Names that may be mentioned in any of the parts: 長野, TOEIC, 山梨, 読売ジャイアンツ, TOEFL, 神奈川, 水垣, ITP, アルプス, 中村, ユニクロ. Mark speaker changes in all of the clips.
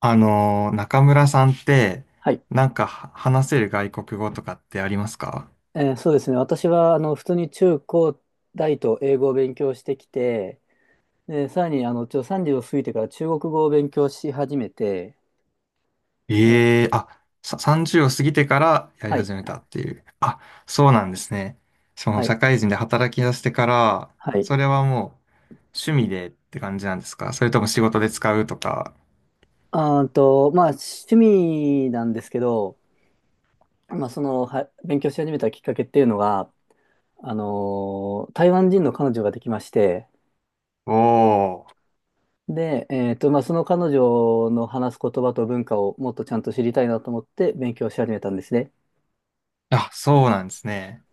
Speaker 1: 中村さんって、
Speaker 2: はい。
Speaker 1: なんかは話せる外国語とかってありますか？
Speaker 2: そうですね。私は、普通に中高大と英語を勉強してきて、で、さらに、30を過ぎてから中国語を勉強し始めて、え
Speaker 1: ええ
Speaker 2: ー
Speaker 1: ー、あ、30を過ぎてからやり
Speaker 2: はい、
Speaker 1: 始めたっていう。あ、そうなんですね。その
Speaker 2: はい、
Speaker 1: 社会人で働き出してから、
Speaker 2: はい。
Speaker 1: それはもう趣味でって感じなんですか？それとも仕事で使うとか。
Speaker 2: あーと、まあ、趣味なんですけど、勉強し始めたきっかけっていうのが、台湾人の彼女ができまして、
Speaker 1: おー。
Speaker 2: で、まあ、その彼女の話す言葉と文化をもっとちゃんと知りたいなと思って勉強し始めたんですね。
Speaker 1: あ、そうなんですね。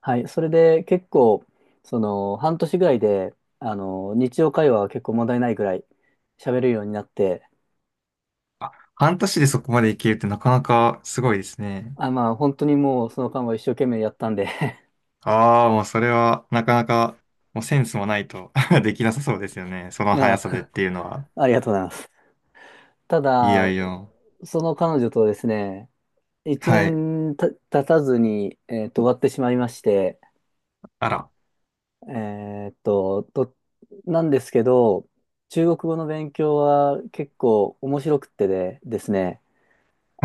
Speaker 2: はい。それで結構、その、半年ぐらいで、日常会話は結構問題ないぐらい喋るようになって、
Speaker 1: あ、半年でそこまでいけるってなかなかすごいですね。
Speaker 2: まあ、本当にもうその間は一生懸命やったんで
Speaker 1: ああ、もうそれはなかなか、もうセンスもないと できなさそうですよね。その速さでっ
Speaker 2: あ、
Speaker 1: ていうのは。
Speaker 2: ありがとうございます。た
Speaker 1: いや
Speaker 2: だ、
Speaker 1: いや。
Speaker 2: その彼女とですね、一
Speaker 1: はい。
Speaker 2: 年経たずに、終わってしまいまして、
Speaker 1: あら。
Speaker 2: えーと、と、なんですけど、中国語の勉強は結構面白くってですね、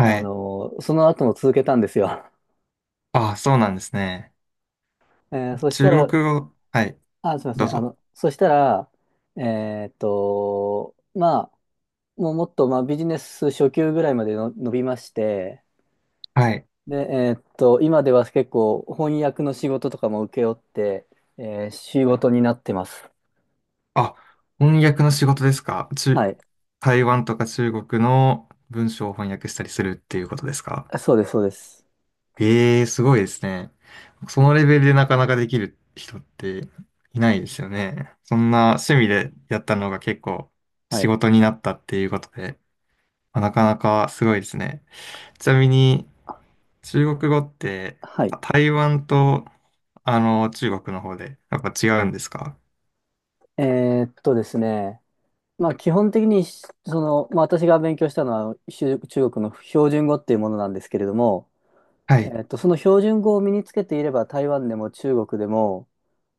Speaker 1: い。
Speaker 2: その後も続けたんですよ。
Speaker 1: ああ、そうなんですね。
Speaker 2: そした
Speaker 1: 中
Speaker 2: ら、
Speaker 1: 国語。はい。
Speaker 2: あ、すみま
Speaker 1: ど
Speaker 2: せ
Speaker 1: う
Speaker 2: ん。
Speaker 1: ぞ。
Speaker 2: そしたら、えーっと、まあ、もうもっと、まあ、ビジネス初級ぐらいまでの伸びまして、
Speaker 1: はい。
Speaker 2: で、今では結構翻訳の仕事とかも請け負って、仕事になってます。
Speaker 1: あ、翻訳の仕事ですか？
Speaker 2: はい。
Speaker 1: 台湾とか中国の文章を翻訳したりするっていうことですか？
Speaker 2: そうです、そうです。
Speaker 1: ええ、すごいですね。そのレベルでなかなかできる人っていないですよね。そんな趣味でやったのが結構
Speaker 2: は
Speaker 1: 仕
Speaker 2: い。
Speaker 1: 事になったっていうことで、まあなかなかすごいですね。ちなみに中国語って、
Speaker 2: はい。
Speaker 1: あ、台湾と中国の方でやっぱ違うんですか？
Speaker 2: ですね、まあ、基本的に、まあ、私が勉強したのは、中国の標準語っていうものなんですけれども、
Speaker 1: はい。
Speaker 2: その標準語を身につけていれば台湾でも中国でも、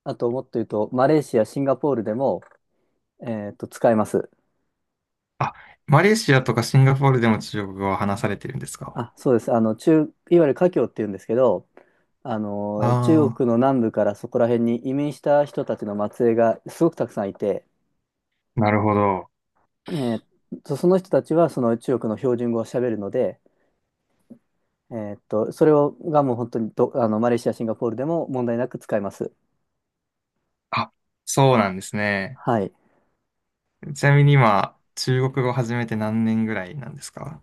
Speaker 2: あともっと言うとマレーシア、シンガポールでも、使えます。
Speaker 1: あ、マレーシアとかシンガポールでも中国語は話されてるんですか？
Speaker 2: あ、そうです。いわゆる華僑っていうんですけど、中
Speaker 1: ああ
Speaker 2: 国の南部からそこら辺に移民した人たちの末裔がすごくたくさんいて、
Speaker 1: ー、なるほど。
Speaker 2: えっその人たちはその中国の標準語を喋るので、それがもう本当にど、あの、マレーシア、シンガポールでも問題なく使えます。
Speaker 1: あ、そうなんですね。
Speaker 2: はい。
Speaker 1: ちなみに今、中国語始めて何年ぐらいなんですか？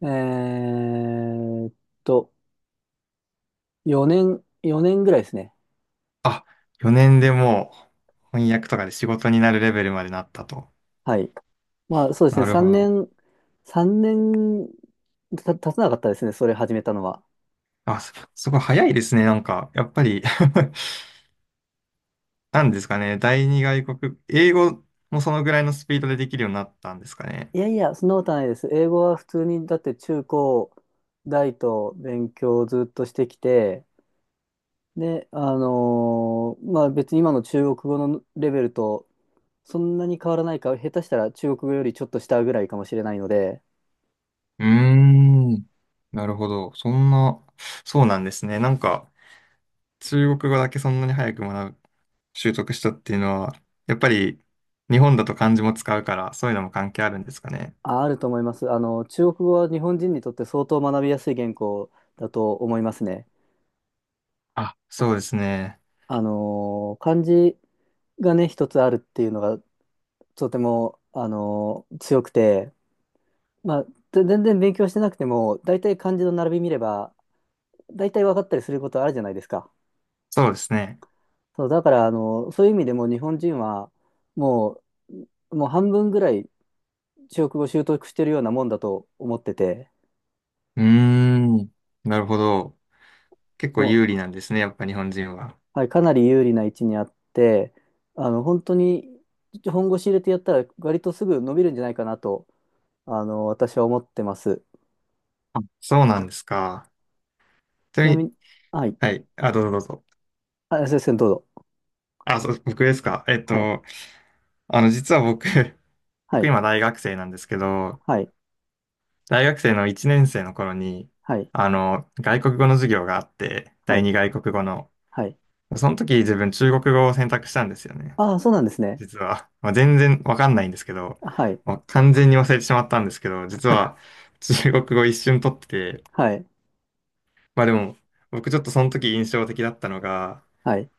Speaker 2: えーっと、4年、4年ぐらいですね。
Speaker 1: あ、4年でもう翻訳とかで仕事になるレベルまでなったと。
Speaker 2: はい。まあそうです
Speaker 1: な
Speaker 2: ね、
Speaker 1: るほ
Speaker 2: 3
Speaker 1: ど。
Speaker 2: 年、3年経たなかったですね、それ始めたのは。
Speaker 1: あ、すごい早いですね。なんか、やっぱり なんですかね。第二外国、英語もそのぐらいのスピードでできるようになったんですかね。
Speaker 2: いやいや、そんなことはないです。英語は普通に、だって中高大と勉強をずっとしてきて、で、まあ別に今の中国語のレベルとそんなに変わらないか、下手したら中国語よりちょっと下ぐらいかもしれないので、
Speaker 1: うーん。なるほど。そうなんですね。なんか、中国語だけそんなに早く習得したっていうのは、やっぱり日本だと漢字も使うから、そういうのも関係あるんですかね。
Speaker 2: あ、あると思います。中国語は日本人にとって相当学びやすい言語だと思いますね。
Speaker 1: あ、そうですね。
Speaker 2: 漢字がね、一つあるっていうのがとても、強くて、まあ、全然勉強してなくても、大体漢字の並び見れば、大体分かったりすることあるじゃないですか。
Speaker 1: そうですね。
Speaker 2: そう、だから、そういう意味でも日本人は、ももう半分ぐらい中国語を習得してるようなもんだと思ってて、
Speaker 1: うーん。なるほど。結構
Speaker 2: も
Speaker 1: 有
Speaker 2: う、
Speaker 1: 利なんですね、やっぱ日本人は。
Speaker 2: はい、かなり有利な位置にあって、本当に本腰入れてやったら、割とすぐ伸びるんじゃないかなと、私は思ってます。
Speaker 1: あ、そうなんですか。ちな
Speaker 2: ちな
Speaker 1: み
Speaker 2: み
Speaker 1: に、
Speaker 2: に、はい。
Speaker 1: はい。あ、どうぞどうぞ。
Speaker 2: あ、先生、どうぞ。
Speaker 1: あ、そう、僕ですか。
Speaker 2: はい。
Speaker 1: 実は僕、
Speaker 2: は
Speaker 1: 僕
Speaker 2: い。
Speaker 1: 今大学生なんですけど、
Speaker 2: はい。
Speaker 1: 大学生の1年生の頃に、
Speaker 2: はい。
Speaker 1: 外国語の授業があって、
Speaker 2: は
Speaker 1: 第
Speaker 2: い。
Speaker 1: 二外国語の。
Speaker 2: はい。
Speaker 1: その時自分中国語を選択したんですよね。
Speaker 2: ああ、そうなんですね。
Speaker 1: 実は、まあ、全然わかんないんですけど、
Speaker 2: はい。
Speaker 1: まあ、完全に忘れてしまったんですけど、実は 中国語一瞬取ってて、
Speaker 2: はい。
Speaker 1: まあでも、僕ちょっとその時印象的だったのが、
Speaker 2: はい。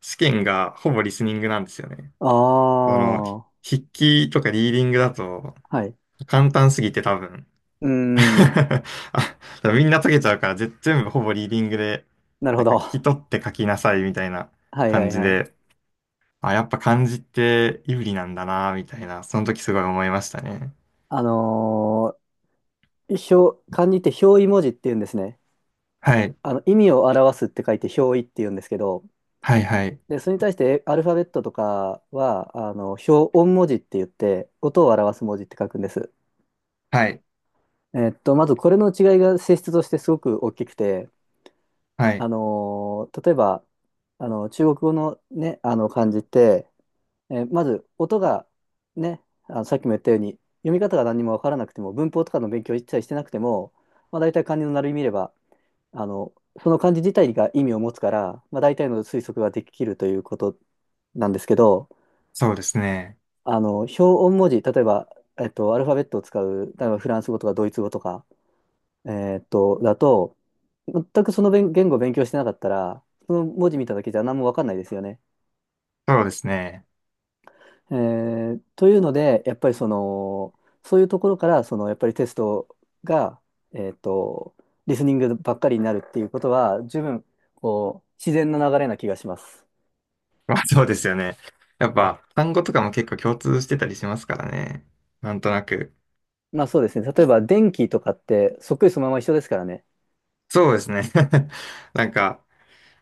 Speaker 1: 試験がほぼリスニングなんですよね。
Speaker 2: あ
Speaker 1: その、
Speaker 2: あ、は
Speaker 1: 筆記とかリーディングだと
Speaker 2: い。
Speaker 1: 簡単すぎて多分
Speaker 2: うー ん。
Speaker 1: あ、みんな解けちゃうから全部ほぼリーディングで、
Speaker 2: なる
Speaker 1: な
Speaker 2: ほ
Speaker 1: んか聞
Speaker 2: ど。
Speaker 1: き
Speaker 2: は
Speaker 1: 取って書きなさいみたいな
Speaker 2: いは
Speaker 1: 感
Speaker 2: い
Speaker 1: じ
Speaker 2: はい。
Speaker 1: で、あ、やっぱ漢字って有利なんだな、みたいな、その時すごい思いましたね。
Speaker 2: あの漢字って表意文字って言うんですね。
Speaker 1: はい。
Speaker 2: 意味を表すって書いて表意って言うんですけど、
Speaker 1: はい、はい。
Speaker 2: で、それに対してアルファベットとかは、表音文字って言って、音を表す文字って書くんです。
Speaker 1: はい。
Speaker 2: まずこれの違いが性質としてすごく大きくて、
Speaker 1: はい。
Speaker 2: 例えば、中国語のね、あの漢字って、まず音がね、あのさっきも言ったように、読み方が何にもわからなくても、文法とかの勉強を一切してなくても、まあ、大体漢字の並び見れば、あの、その漢字自体が意味を持つから、まあ、大体の推測ができるということなんですけど、
Speaker 1: そうですね。
Speaker 2: 表音文字、例えば、アルファベットを使う、例えばフランス語とかドイツ語とか、だと、全くその言語を勉強してなかったら、その文字見ただけじゃ何もわかんないですよね。
Speaker 1: そうですね。
Speaker 2: えというので、やっぱりその、そういうところから、その、やっぱりテストが、えっと、リスニングばっかりになるっていうことは、十分、こう、自然な流れな気がします。
Speaker 1: まあ、そうですよね。やっぱ、単語とかも結構共通してたりしますからね。なんとなく。
Speaker 2: まあそうですね。例えば、電気とかって、そっくりそのまま一緒ですからね。
Speaker 1: そうですね。なんか、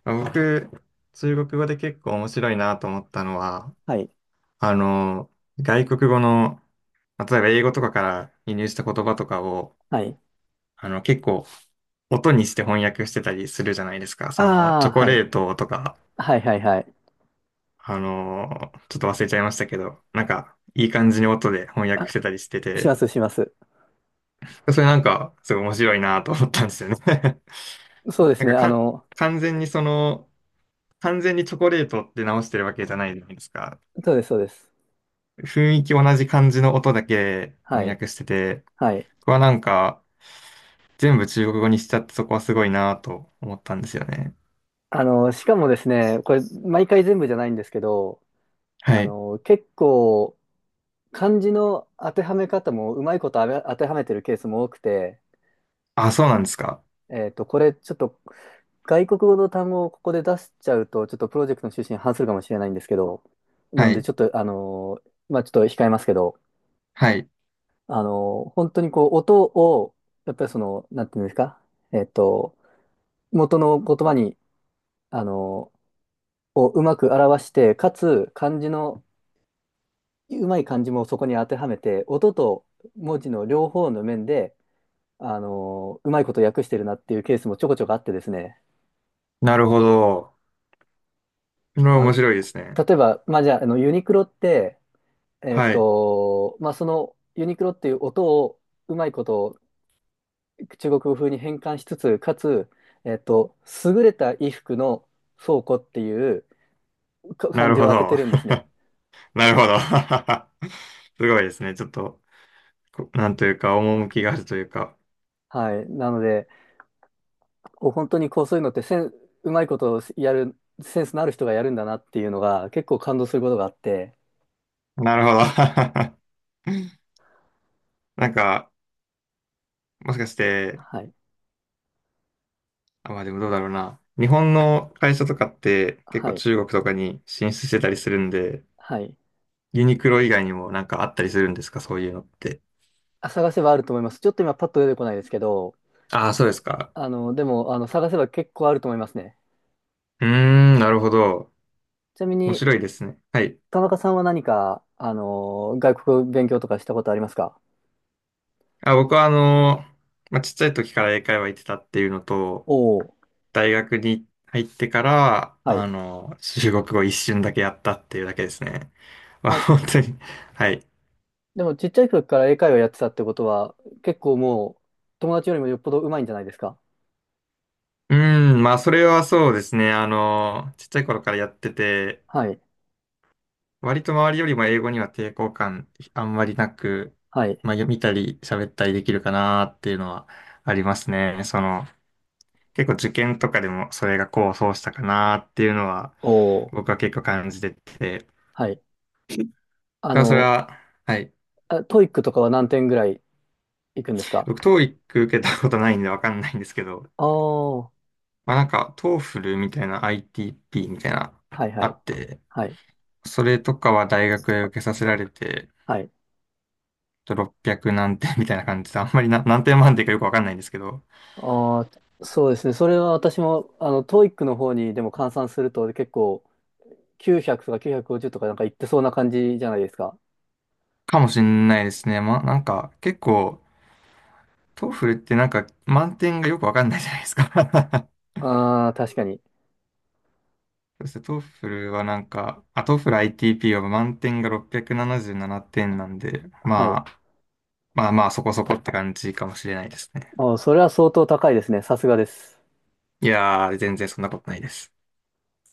Speaker 1: 僕、中国語で結構面白いなと思ったのは、
Speaker 2: はい。
Speaker 1: あの、外国語の、まあ例えば英語とかから輸入した言葉とかを、
Speaker 2: はい。
Speaker 1: 結構、音にして翻訳してたりするじゃないですか。その、
Speaker 2: あ
Speaker 1: チ
Speaker 2: あ、
Speaker 1: ョコ
Speaker 2: はい。
Speaker 1: レートとか、
Speaker 2: はいはいはい。
Speaker 1: ちょっと忘れちゃいましたけど、なんか、いい感じに音で翻訳
Speaker 2: あ、
Speaker 1: してたりして
Speaker 2: し
Speaker 1: て、
Speaker 2: ます、します。
Speaker 1: それなんか、すごい面白いなと思ったんですよね
Speaker 2: そうで
Speaker 1: な
Speaker 2: すね。
Speaker 1: んか
Speaker 2: あ
Speaker 1: か、
Speaker 2: の、
Speaker 1: 完全にその、完全にチョコレートって直してるわけじゃないじゃないですか。
Speaker 2: そうです、そうです。
Speaker 1: 雰囲気同じ感じの音だけ
Speaker 2: は
Speaker 1: 翻
Speaker 2: い。
Speaker 1: 訳してて、
Speaker 2: はい。
Speaker 1: ここはなんか、全部中国語にしちゃってそこはすごいなと思ったんですよね。
Speaker 2: しかもですね、これ、毎回全部じゃないんですけど、
Speaker 1: はい。
Speaker 2: 結構、漢字の当てはめ方もうまいことあれ当てはめてるケースも多くて、
Speaker 1: あ、そうなんですか。
Speaker 2: これ、ちょっと、外国語の単語をここで出しちゃうと、ちょっとプロジェクトの趣旨に反するかもしれないんですけど、な
Speaker 1: は
Speaker 2: ので、
Speaker 1: い。
Speaker 2: ちょっと、あの、まあ、ちょっと控えますけど、
Speaker 1: はい。
Speaker 2: 本当にこう、音を、やっぱりその、なんていうんですか、えっと、元の言葉に、あの、をうまく表して、かつ、漢字のうまい漢字もそこに当てはめて、音と文字の両方の面で、あのうまいこと訳してるなっていうケースもちょこちょこあってですね。
Speaker 1: なるほど。これは
Speaker 2: あ、
Speaker 1: 面白いですね。
Speaker 2: 例えば、まあ、じゃあ、ユニクロって、
Speaker 1: はい。
Speaker 2: まあ、そのユニクロっていう音をうまいこと中国語風に変換しつつ、かつ、えっと、優れた衣服の倉庫っていう
Speaker 1: な
Speaker 2: 漢
Speaker 1: る
Speaker 2: 字
Speaker 1: ほ
Speaker 2: を当てて
Speaker 1: ど。
Speaker 2: るんですね。
Speaker 1: なるほど。すごいですね。ちょっと、なんというか、趣があるというか。
Speaker 2: はい。なので、こう本当にこうそういうのってセン、うまいことをやる、センスのある人がやるんだなっていうのが結構感動することがあって、
Speaker 1: なるほど。なんか、もしかして、
Speaker 2: はい、
Speaker 1: あ、まあでもどうだろうな。日本の会社とかって結
Speaker 2: は
Speaker 1: 構
Speaker 2: い、
Speaker 1: 中国とかに進出してたりするんで、
Speaker 2: はい。
Speaker 1: ユニクロ以外にもなんかあったりするんですか？そういうのって。
Speaker 2: あ、探せばあると思います。ちょっと今パッと出てこないですけど、
Speaker 1: ああ、そうですか。
Speaker 2: あの、でも、あの、探せば結構あると思いますね。
Speaker 1: うーん、なるほど。
Speaker 2: ちなみ
Speaker 1: 面
Speaker 2: に、
Speaker 1: 白いですね。はい。
Speaker 2: 田中さんは何か、外国勉強とかしたことありますか？
Speaker 1: あ、僕はまあ、ちっちゃい時から英会話行ってたっていうのと、
Speaker 2: おおー、
Speaker 1: 大学に入ってから、
Speaker 2: はい。
Speaker 1: 中国語一瞬だけやったっていうだけですね。まあ、
Speaker 2: あ、
Speaker 1: 本当に。はい。
Speaker 2: でもちっちゃい時から英会話やってたってことは、結構もう、友達よりもよっぽど上手いんじゃないですか？
Speaker 1: うーん、まあ、それはそうですね。ちっちゃい頃からやってて、
Speaker 2: はい、
Speaker 1: 割と周りよりも英語には抵抗感あんまりなく、
Speaker 2: はい、
Speaker 1: まあ、読みたり喋ったりできるかなっていうのはありますね。その、結構受験とかでもそれが功を奏したかなっていうのは、
Speaker 2: おお、
Speaker 1: 僕は結構感じてて、だ
Speaker 2: はい。あ
Speaker 1: からそれ
Speaker 2: の、
Speaker 1: は、はい。
Speaker 2: あ、トイックとかは何点ぐらいいくんですか？
Speaker 1: 僕、TOEIC 受けたことないんでわかんないんですけど、
Speaker 2: ああー、
Speaker 1: まあなんか、TOEFL みたいな ITP みたいな、
Speaker 2: はいは
Speaker 1: あ
Speaker 2: い、
Speaker 1: って、
Speaker 2: はい、
Speaker 1: それとかは大学へ受けさせられて、
Speaker 2: はい。
Speaker 1: ちょっと600何点みたいな感じで、あんまりな何点満点かよくわかんないんですけど、
Speaker 2: ああ、そうですね。それは私も、トイックの方にでも換算すると結構900とか950とかなんかいってそうな感じじゃないですか。
Speaker 1: かもしんないですね。まあなんか、結構、TOEFL ってなんか、満点がよくわかんないじゃないですか。
Speaker 2: ああ、確かに。
Speaker 1: そして TOEFL はなんか、あ、TOEFL ITP は満点が677点、ななじゅうななてんなんで、
Speaker 2: は
Speaker 1: ま
Speaker 2: い。
Speaker 1: あ、まあまあそこそこって感じかもしれないですね。
Speaker 2: あーそれは相当高いですね。さすがです。
Speaker 1: いやー、全然そんなことないです。